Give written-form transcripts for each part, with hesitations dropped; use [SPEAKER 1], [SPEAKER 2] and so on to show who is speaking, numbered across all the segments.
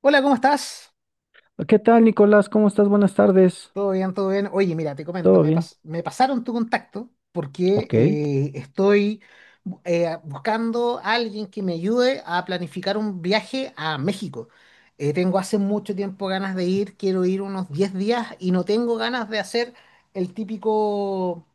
[SPEAKER 1] Hola, ¿cómo estás?
[SPEAKER 2] ¿Qué tal, Nicolás? ¿Cómo estás? Buenas tardes.
[SPEAKER 1] ¿Todo bien? ¿Todo bien? Oye, mira, te comento,
[SPEAKER 2] ¿Todo bien?
[SPEAKER 1] me pasaron tu contacto porque
[SPEAKER 2] Ok.
[SPEAKER 1] estoy buscando a alguien que me ayude a planificar un viaje a México. Tengo hace mucho tiempo ganas de ir, quiero ir unos 10 días y no tengo ganas de hacer el típico,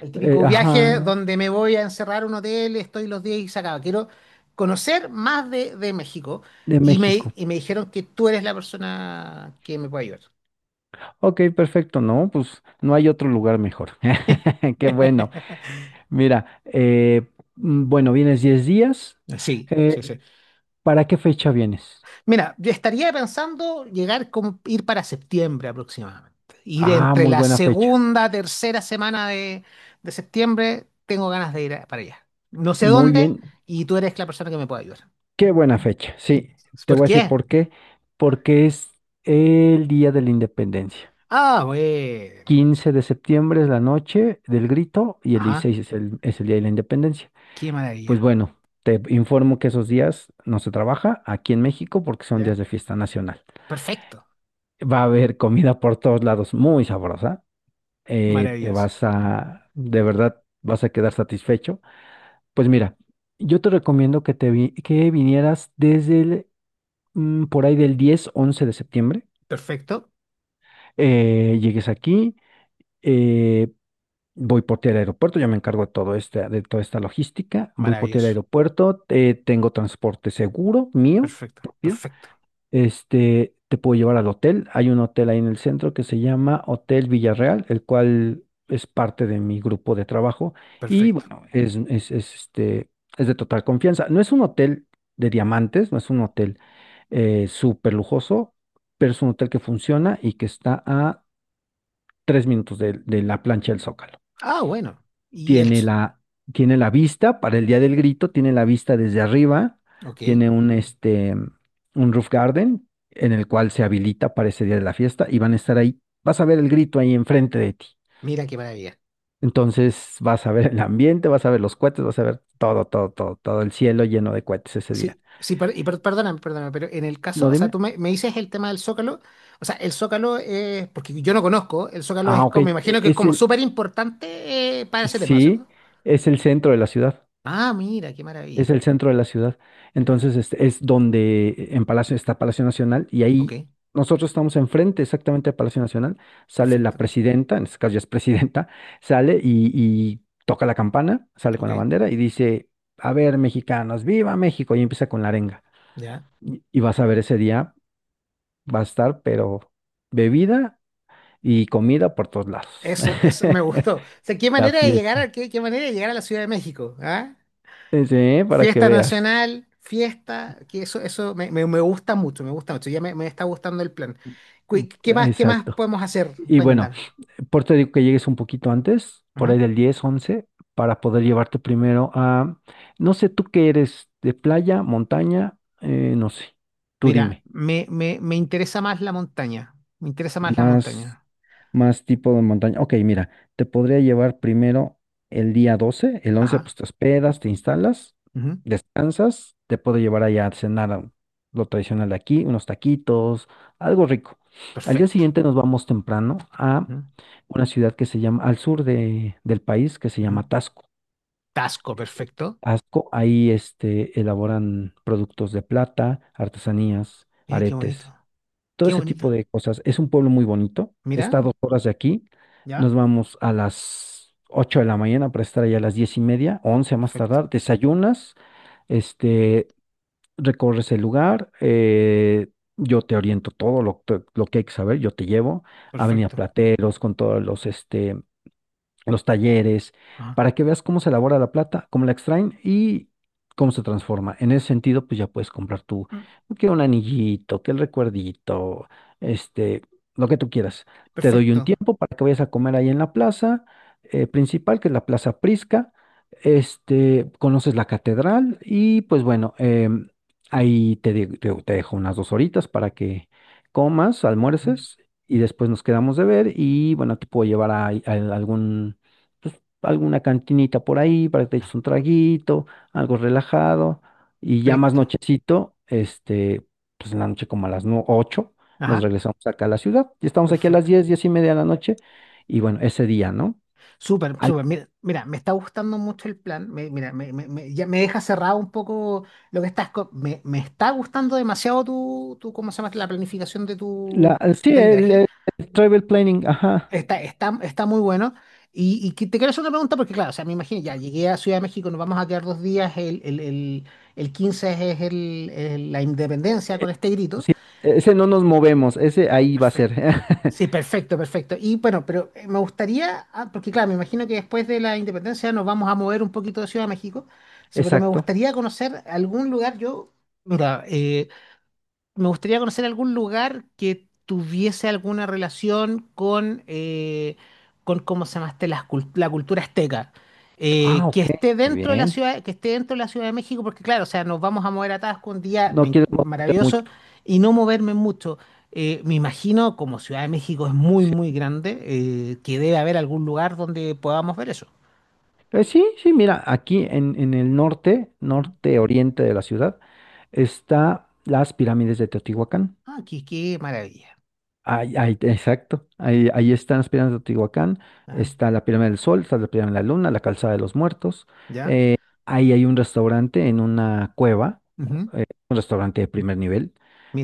[SPEAKER 1] el típico viaje
[SPEAKER 2] Ajá,
[SPEAKER 1] donde me voy a encerrar a un hotel, estoy los días y se acaba. Quiero conocer más de México
[SPEAKER 2] de
[SPEAKER 1] y me,
[SPEAKER 2] México.
[SPEAKER 1] y me dijeron que tú eres la persona que me puede ayudar.
[SPEAKER 2] Ok, perfecto. No, pues no hay otro lugar mejor. Qué bueno. Mira, bueno, vienes 10 días.
[SPEAKER 1] Sí,
[SPEAKER 2] Eh,
[SPEAKER 1] sí, sí.
[SPEAKER 2] ¿Para qué fecha vienes?
[SPEAKER 1] Mira, yo estaría pensando llegar como ir para septiembre aproximadamente. Ir
[SPEAKER 2] Ah,
[SPEAKER 1] entre
[SPEAKER 2] muy
[SPEAKER 1] la
[SPEAKER 2] buena fecha.
[SPEAKER 1] segunda, tercera semana de septiembre, tengo ganas de ir para allá. No sé
[SPEAKER 2] Muy
[SPEAKER 1] dónde
[SPEAKER 2] bien.
[SPEAKER 1] y tú eres la persona que me puede ayudar.
[SPEAKER 2] Qué buena fecha. Sí, te
[SPEAKER 1] ¿Por
[SPEAKER 2] voy a
[SPEAKER 1] qué?
[SPEAKER 2] decir por qué. Porque es el Día de la Independencia.
[SPEAKER 1] Ah, bueno.
[SPEAKER 2] 15 de septiembre es la noche del grito y el
[SPEAKER 1] Ajá,
[SPEAKER 2] 16 es el Día de la Independencia.
[SPEAKER 1] qué
[SPEAKER 2] Pues
[SPEAKER 1] maravilla.
[SPEAKER 2] bueno, te informo que esos días no se trabaja aquí en México porque son días
[SPEAKER 1] ¿Ya?
[SPEAKER 2] de fiesta nacional.
[SPEAKER 1] Perfecto.
[SPEAKER 2] Va a haber comida por todos lados, muy sabrosa. Te
[SPEAKER 1] Maravilloso.
[SPEAKER 2] vas a, de verdad, vas a quedar satisfecho. Pues mira, yo te recomiendo que que vinieras desde por ahí del 10, 11 de septiembre.
[SPEAKER 1] Perfecto.
[SPEAKER 2] Llegues aquí, eh, voy por ti al aeropuerto, yo me encargo de todo este, de toda esta logística. Voy por ti al
[SPEAKER 1] Maravilloso.
[SPEAKER 2] aeropuerto, tengo transporte seguro mío
[SPEAKER 1] Perfecto.
[SPEAKER 2] propio.
[SPEAKER 1] Perfecto.
[SPEAKER 2] Este, te puedo llevar al hotel. Hay un hotel ahí en el centro que se llama Hotel Villarreal, el cual es parte de mi grupo de trabajo y
[SPEAKER 1] Perfecto.
[SPEAKER 2] bueno, este, es de total confianza. No es un hotel de diamantes, no es un hotel súper lujoso, pero es un hotel que funciona y que está a tres minutos de la plancha del Zócalo.
[SPEAKER 1] Ah, bueno. Y el...
[SPEAKER 2] Tiene tiene la vista para el día del grito, tiene la vista desde arriba,
[SPEAKER 1] Ok.
[SPEAKER 2] tiene un, este, un roof garden en el cual se habilita para ese día de la fiesta y van a estar ahí. Vas a ver el grito ahí enfrente de ti.
[SPEAKER 1] Mira qué maravilla.
[SPEAKER 2] Entonces vas a ver el ambiente, vas a ver los cohetes, vas a ver todo, todo, todo, todo el cielo lleno de cohetes ese día.
[SPEAKER 1] Sí, sí, perdóname, perdóname, pero en el caso,
[SPEAKER 2] No,
[SPEAKER 1] o sea,
[SPEAKER 2] dime.
[SPEAKER 1] tú me dices el tema del Zócalo, o sea, el Zócalo es, porque yo no conozco, el Zócalo
[SPEAKER 2] Ah,
[SPEAKER 1] es
[SPEAKER 2] ok.
[SPEAKER 1] como, me imagino que es
[SPEAKER 2] Es
[SPEAKER 1] como súper importante para ese tema, ¿cierto?
[SPEAKER 2] sí, es el centro de la ciudad.
[SPEAKER 1] Ah, mira, qué
[SPEAKER 2] Es
[SPEAKER 1] maravilla,
[SPEAKER 2] el centro de la ciudad.
[SPEAKER 1] mira,
[SPEAKER 2] Entonces, este, es donde en Palacio está Palacio Nacional y
[SPEAKER 1] ok,
[SPEAKER 2] ahí nosotros estamos enfrente exactamente de Palacio Nacional. Sale la
[SPEAKER 1] perfecto,
[SPEAKER 2] presidenta, en este caso ya es presidenta, sale y toca la campana, sale con
[SPEAKER 1] ok,
[SPEAKER 2] la bandera y dice, a ver, mexicanos, viva México. Y empieza con la arenga.
[SPEAKER 1] ya,
[SPEAKER 2] Y vas a ver ese día, va a estar, pero bebida y comida por todos lados.
[SPEAKER 1] eso me gustó, o sea, qué
[SPEAKER 2] La
[SPEAKER 1] manera de llegar
[SPEAKER 2] fiesta.
[SPEAKER 1] a, qué, qué manera de llegar a la Ciudad de México, ¿ah?
[SPEAKER 2] Sí, para que
[SPEAKER 1] Fiesta
[SPEAKER 2] veas.
[SPEAKER 1] nacional, fiesta, que eso me gusta mucho, me gusta mucho, ya me está gustando el plan. ¿Qué
[SPEAKER 2] Ah,
[SPEAKER 1] más, qué más
[SPEAKER 2] exacto.
[SPEAKER 1] podemos hacer?
[SPEAKER 2] Y bueno.
[SPEAKER 1] ¿Cuenta?
[SPEAKER 2] Por eso te digo que llegues un poquito antes, por ahí del 10, 11, para poder llevarte primero a, no sé, tú qué eres, de playa, montaña. No sé, tú
[SPEAKER 1] Mira,
[SPEAKER 2] dime,
[SPEAKER 1] me interesa más la montaña. Me interesa más la
[SPEAKER 2] más.
[SPEAKER 1] montaña.
[SPEAKER 2] Más tipo de montaña. Ok, mira, te podría llevar primero el día doce. El 11
[SPEAKER 1] Ajá.
[SPEAKER 2] pues te hospedas, te instalas,
[SPEAKER 1] Ujú,
[SPEAKER 2] descansas. Te puedo llevar allá a cenar a lo tradicional de aquí, unos taquitos, algo rico. Al día
[SPEAKER 1] perfecto.
[SPEAKER 2] siguiente nos vamos temprano a
[SPEAKER 1] Ujú,
[SPEAKER 2] una ciudad que se llama, al sur de, del país, que se
[SPEAKER 1] ujú.
[SPEAKER 2] llama Tasco.
[SPEAKER 1] Tasco, perfecto.
[SPEAKER 2] Tasco, ahí este, elaboran productos de plata, artesanías,
[SPEAKER 1] Mira, qué bonito.
[SPEAKER 2] aretes, todo
[SPEAKER 1] Qué
[SPEAKER 2] ese
[SPEAKER 1] bonito.
[SPEAKER 2] tipo de cosas. Es un pueblo muy bonito,
[SPEAKER 1] Mira,
[SPEAKER 2] está a dos horas de aquí.
[SPEAKER 1] ya.
[SPEAKER 2] Nos vamos a las 8 de la mañana para estar allá a las diez y media, 11 a más
[SPEAKER 1] Perfecto,
[SPEAKER 2] tardar. Desayunas, este, recorres el lugar, yo te oriento todo lo que hay que saber, yo te llevo a Avenida
[SPEAKER 1] perfecto.
[SPEAKER 2] Plateros con todos los, este, los talleres,
[SPEAKER 1] Ajá.
[SPEAKER 2] para que veas cómo se elabora la plata, cómo la extraen y cómo se transforma. En ese sentido, pues ya puedes comprar tú,
[SPEAKER 1] Mm,
[SPEAKER 2] que un anillito, que el recuerdito, este, lo que tú quieras. Te doy un
[SPEAKER 1] perfecto.
[SPEAKER 2] tiempo para que vayas a comer ahí en la plaza principal, que es la Plaza Prisca. Este, conoces la catedral y pues bueno, ahí te, te dejo unas dos horitas para que comas,
[SPEAKER 1] Ujú,
[SPEAKER 2] almuerces y después nos quedamos de ver y bueno, te puedo llevar a algún pues, alguna cantinita por ahí para que te eches un traguito, algo relajado, y ya más
[SPEAKER 1] perfecto.
[SPEAKER 2] nochecito, este, pues en la noche como a las 8 nos
[SPEAKER 1] Ajá.
[SPEAKER 2] regresamos acá a la ciudad, y estamos aquí a las
[SPEAKER 1] Perfecto.
[SPEAKER 2] diez, 10 y media de la noche, y bueno, ese día, ¿no?
[SPEAKER 1] Súper,
[SPEAKER 2] Al-
[SPEAKER 1] súper. Mira, mira, me está gustando mucho el plan. Mira, ya me deja cerrado un poco lo que estás. Me está gustando demasiado tu, tu, ¿cómo se llama? La planificación
[SPEAKER 2] sí,
[SPEAKER 1] del viaje.
[SPEAKER 2] el travel planning, ajá,
[SPEAKER 1] Está, está, está muy bueno. Y que- te quiero hacer una pregunta porque, claro, o sea, me imagino, ya llegué a Ciudad de México, nos vamos a quedar dos días, el 15 es la independencia con este grito.
[SPEAKER 2] sí, e-, ese no nos movemos, ese ahí va a ser,
[SPEAKER 1] Perfecto. Sí, perfecto, perfecto. Y bueno, pero me gustaría, ah, porque claro, me imagino que después de la independencia nos vamos a mover un poquito de Ciudad de México, sí, pero me
[SPEAKER 2] exacto.
[SPEAKER 1] gustaría conocer algún lugar, mira, me gustaría conocer algún lugar que tuviese alguna relación con, con, ¿cómo se llama este? La cultura azteca.
[SPEAKER 2] Ah,
[SPEAKER 1] Que
[SPEAKER 2] ok,
[SPEAKER 1] esté
[SPEAKER 2] muy
[SPEAKER 1] dentro de la
[SPEAKER 2] bien,
[SPEAKER 1] ciudad, que esté dentro de la Ciudad de México, porque claro, o sea, nos vamos a mover a Tabasco un día
[SPEAKER 2] no quieres moverte
[SPEAKER 1] maravilloso
[SPEAKER 2] mucho.
[SPEAKER 1] y no moverme mucho. Me imagino, como Ciudad de México es muy, muy grande, que debe haber algún lugar donde podamos ver eso.
[SPEAKER 2] Sí, sí, mira, aquí en el norte,
[SPEAKER 1] Ujú.
[SPEAKER 2] norte oriente de la ciudad, está las pirámides de Teotihuacán.
[SPEAKER 1] Ah, qué maravilla.
[SPEAKER 2] Ahí, ahí, exacto, ahí, ahí están las pirámides de Teotihuacán,
[SPEAKER 1] Ajá,
[SPEAKER 2] está la pirámide del Sol, está la pirámide de la Luna, la calzada de los muertos.
[SPEAKER 1] ¿ya?
[SPEAKER 2] eh, Ahí hay un restaurante en una cueva,
[SPEAKER 1] Ujú,
[SPEAKER 2] un restaurante de primer nivel,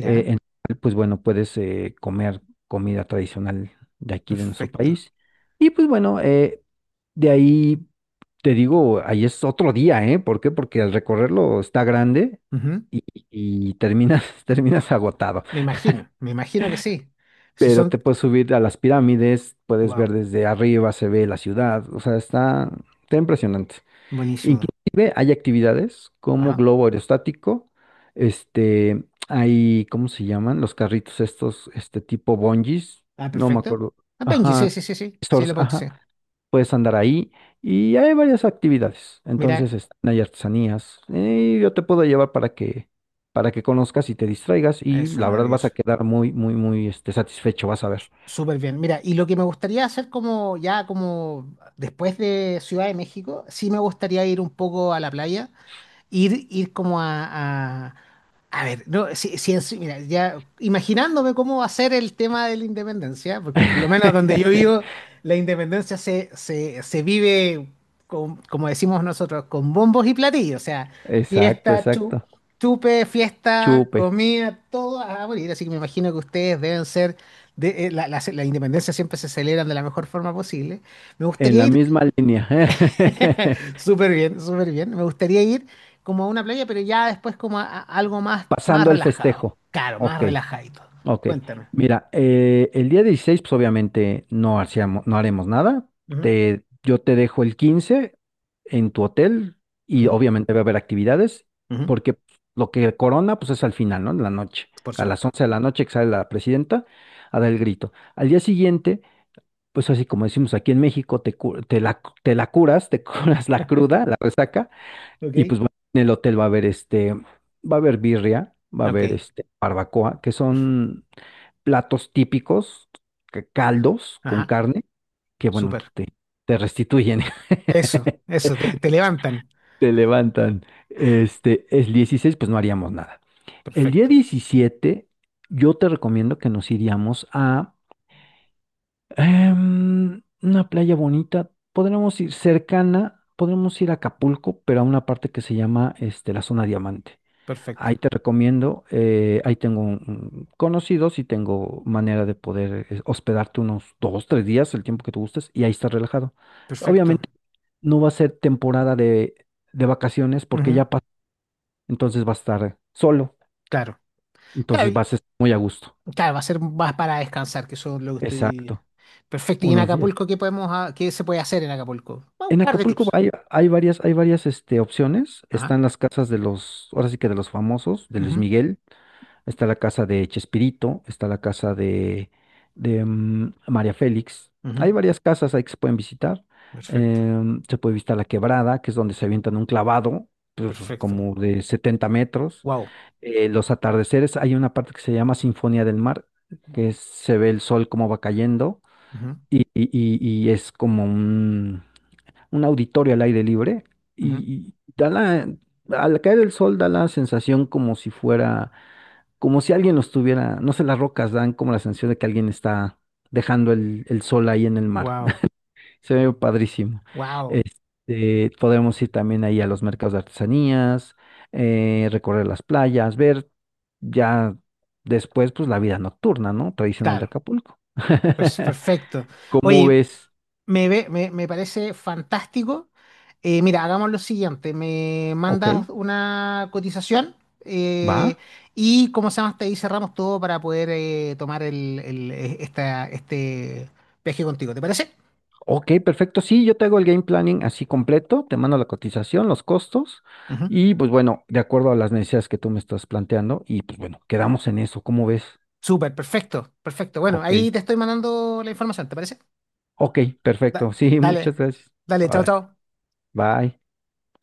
[SPEAKER 2] en el cual, pues bueno, puedes comer comida tradicional de aquí de nuestro
[SPEAKER 1] perfecto.
[SPEAKER 2] país. Y pues bueno, de ahí. Te digo, ahí es otro día, ¿eh? ¿Por qué? Porque al recorrerlo está grande y, y terminas, terminas agotado.
[SPEAKER 1] Me imagino que sí. Si
[SPEAKER 2] Pero
[SPEAKER 1] son.
[SPEAKER 2] te puedes subir a las pirámides, puedes ver
[SPEAKER 1] Wow,
[SPEAKER 2] desde arriba, se ve la ciudad, o sea, está impresionante.
[SPEAKER 1] buenísimo.
[SPEAKER 2] Inclusive hay actividades como
[SPEAKER 1] Ajá.
[SPEAKER 2] globo aerostático, este, hay, ¿cómo se llaman? Los carritos estos, este tipo bungees,
[SPEAKER 1] Ah,
[SPEAKER 2] no me
[SPEAKER 1] perfecto.
[SPEAKER 2] acuerdo.
[SPEAKER 1] Ah, Benji, sí,
[SPEAKER 2] Ajá,
[SPEAKER 1] sí, sí, sí. Sí, lo
[SPEAKER 2] stores,
[SPEAKER 1] Ponchi, sí.
[SPEAKER 2] ajá. Puedes andar ahí y hay varias actividades.
[SPEAKER 1] Mira,
[SPEAKER 2] Entonces, este, hay artesanías. Yo te puedo llevar para que conozcas y te distraigas y
[SPEAKER 1] eso,
[SPEAKER 2] la verdad vas a
[SPEAKER 1] maravilloso.
[SPEAKER 2] quedar muy, muy, muy este, satisfecho, vas a ver.
[SPEAKER 1] Súper bien. Mira, y lo que me gustaría hacer como ya como después de Ciudad de México, sí me gustaría ir un poco a la playa, ir como a ver, no, si, si mira, ya imaginándome cómo va a ser el tema de la independencia, porque por lo menos donde yo vivo, la independencia se, se vive, como decimos nosotros, con bombos y platillos, o sea,
[SPEAKER 2] Exacto,
[SPEAKER 1] fiesta,
[SPEAKER 2] exacto.
[SPEAKER 1] chupe, fiesta,
[SPEAKER 2] Chupe.
[SPEAKER 1] comida, todo a morir. Así que me imagino que ustedes deben ser, de, la independencia siempre se celebran de la mejor forma posible. Me
[SPEAKER 2] En
[SPEAKER 1] gustaría
[SPEAKER 2] la
[SPEAKER 1] ir
[SPEAKER 2] misma línea.
[SPEAKER 1] Súper bien, súper bien. Me gustaría ir como a una playa, pero ya después como a algo más, más
[SPEAKER 2] Pasando el
[SPEAKER 1] relajado.
[SPEAKER 2] festejo.
[SPEAKER 1] Claro, más
[SPEAKER 2] Ok.
[SPEAKER 1] relajadito.
[SPEAKER 2] Ok,
[SPEAKER 1] Cuéntame.
[SPEAKER 2] mira, el día 16 pues obviamente no, hacíamos, no haremos nada.
[SPEAKER 1] Ujú,
[SPEAKER 2] Te, yo te dejo el 15 en tu hotel y
[SPEAKER 1] ujú,
[SPEAKER 2] obviamente va a haber actividades,
[SPEAKER 1] ujú.
[SPEAKER 2] porque lo que corona, pues es al final, ¿no? En la noche,
[SPEAKER 1] Por
[SPEAKER 2] a las
[SPEAKER 1] supuesto.
[SPEAKER 2] 11 de la noche que sale la presidenta a dar el grito. Al día siguiente, pues así como decimos aquí en México, te, te la curas, te curas la cruda, la resaca,
[SPEAKER 1] Ok.
[SPEAKER 2] y pues bueno, en el hotel va a haber este, va a haber birria, va a haber
[SPEAKER 1] Ok.
[SPEAKER 2] este, barbacoa, que son platos típicos, caldos con
[SPEAKER 1] Ajá.
[SPEAKER 2] carne, que bueno, pues,
[SPEAKER 1] Súper.
[SPEAKER 2] te restituyen,
[SPEAKER 1] Eso, te levantan.
[SPEAKER 2] te levantan. Este, el 16, pues no haríamos nada. El día
[SPEAKER 1] Perfecto,
[SPEAKER 2] 17, yo te recomiendo que nos iríamos a una playa bonita. Podremos ir cercana, podremos ir a Acapulco, pero a una parte que se llama este, la zona diamante.
[SPEAKER 1] perfecto,
[SPEAKER 2] Ahí te recomiendo, ahí tengo un conocidos y tengo manera de poder hospedarte unos dos, tres días, el tiempo que tú gustes, y ahí estás relajado.
[SPEAKER 1] perfecto.
[SPEAKER 2] Obviamente no va a ser temporada de vacaciones porque
[SPEAKER 1] Ujú,
[SPEAKER 2] ya pasó, entonces vas a estar solo,
[SPEAKER 1] claro. Claro,
[SPEAKER 2] entonces vas a estar muy a gusto.
[SPEAKER 1] claro, va a ser más para descansar, que eso es lo que estoy.
[SPEAKER 2] Exacto,
[SPEAKER 1] Perfecto. ¿Y en
[SPEAKER 2] unos días.
[SPEAKER 1] Acapulco qué podemos, qué se puede hacer en Acapulco? Un
[SPEAKER 2] En
[SPEAKER 1] par de
[SPEAKER 2] Acapulco
[SPEAKER 1] tips.
[SPEAKER 2] hay, hay varias este, opciones.
[SPEAKER 1] Ajá.
[SPEAKER 2] Están las casas de los, ahora sí que de los famosos, de Luis
[SPEAKER 1] Ujú,
[SPEAKER 2] Miguel. Está la casa de Chespirito, está la casa de, María Félix. Hay
[SPEAKER 1] ujú,
[SPEAKER 2] varias casas ahí que se pueden visitar.
[SPEAKER 1] perfecto,
[SPEAKER 2] Se puede visitar la Quebrada, que es donde se avientan un clavado, pues,
[SPEAKER 1] perfecto.
[SPEAKER 2] como de 70 metros.
[SPEAKER 1] Wow.
[SPEAKER 2] Los atardeceres, hay una parte que se llama Sinfonía del Mar, que se ve el sol como va cayendo
[SPEAKER 1] Ujú,
[SPEAKER 2] y, y es como un auditorio al aire libre.
[SPEAKER 1] ujú.
[SPEAKER 2] Y da la, al caer el sol da la sensación como si fuera como si alguien los tuviera, no sé, las rocas dan como la sensación de que alguien está dejando el sol ahí en el mar.
[SPEAKER 1] Wow.
[SPEAKER 2] Se ve padrísimo.
[SPEAKER 1] Wow.
[SPEAKER 2] Este, podemos ir también ahí a los mercados de artesanías, recorrer las playas, ver ya después, pues la vida nocturna, ¿no? Tradicional de
[SPEAKER 1] Claro.
[SPEAKER 2] Acapulco.
[SPEAKER 1] Perfecto.
[SPEAKER 2] ¿Cómo
[SPEAKER 1] Oye,
[SPEAKER 2] ves?
[SPEAKER 1] me, me, me parece fantástico. Mira, hagamos lo siguiente. Me
[SPEAKER 2] Ok,
[SPEAKER 1] mandas una cotización eh,
[SPEAKER 2] va.
[SPEAKER 1] y, como se llama? Hasta ahí cerramos todo para poder tomar este viaje contigo. ¿Te parece?
[SPEAKER 2] Ok, perfecto. Sí, yo te hago el game planning así completo, te mando la cotización, los costos
[SPEAKER 1] Ujú.
[SPEAKER 2] y pues bueno, de acuerdo a las necesidades que tú me estás planteando y pues bueno, quedamos en eso, ¿cómo ves?
[SPEAKER 1] Súper, perfecto. Perfecto. Bueno,
[SPEAKER 2] Ok,
[SPEAKER 1] ahí te estoy mandando la información. ¿Te parece?
[SPEAKER 2] ok, perfecto. Sí,
[SPEAKER 1] Dale.
[SPEAKER 2] muchas gracias.
[SPEAKER 1] Dale, chao,
[SPEAKER 2] Órale,
[SPEAKER 1] chao.
[SPEAKER 2] bye.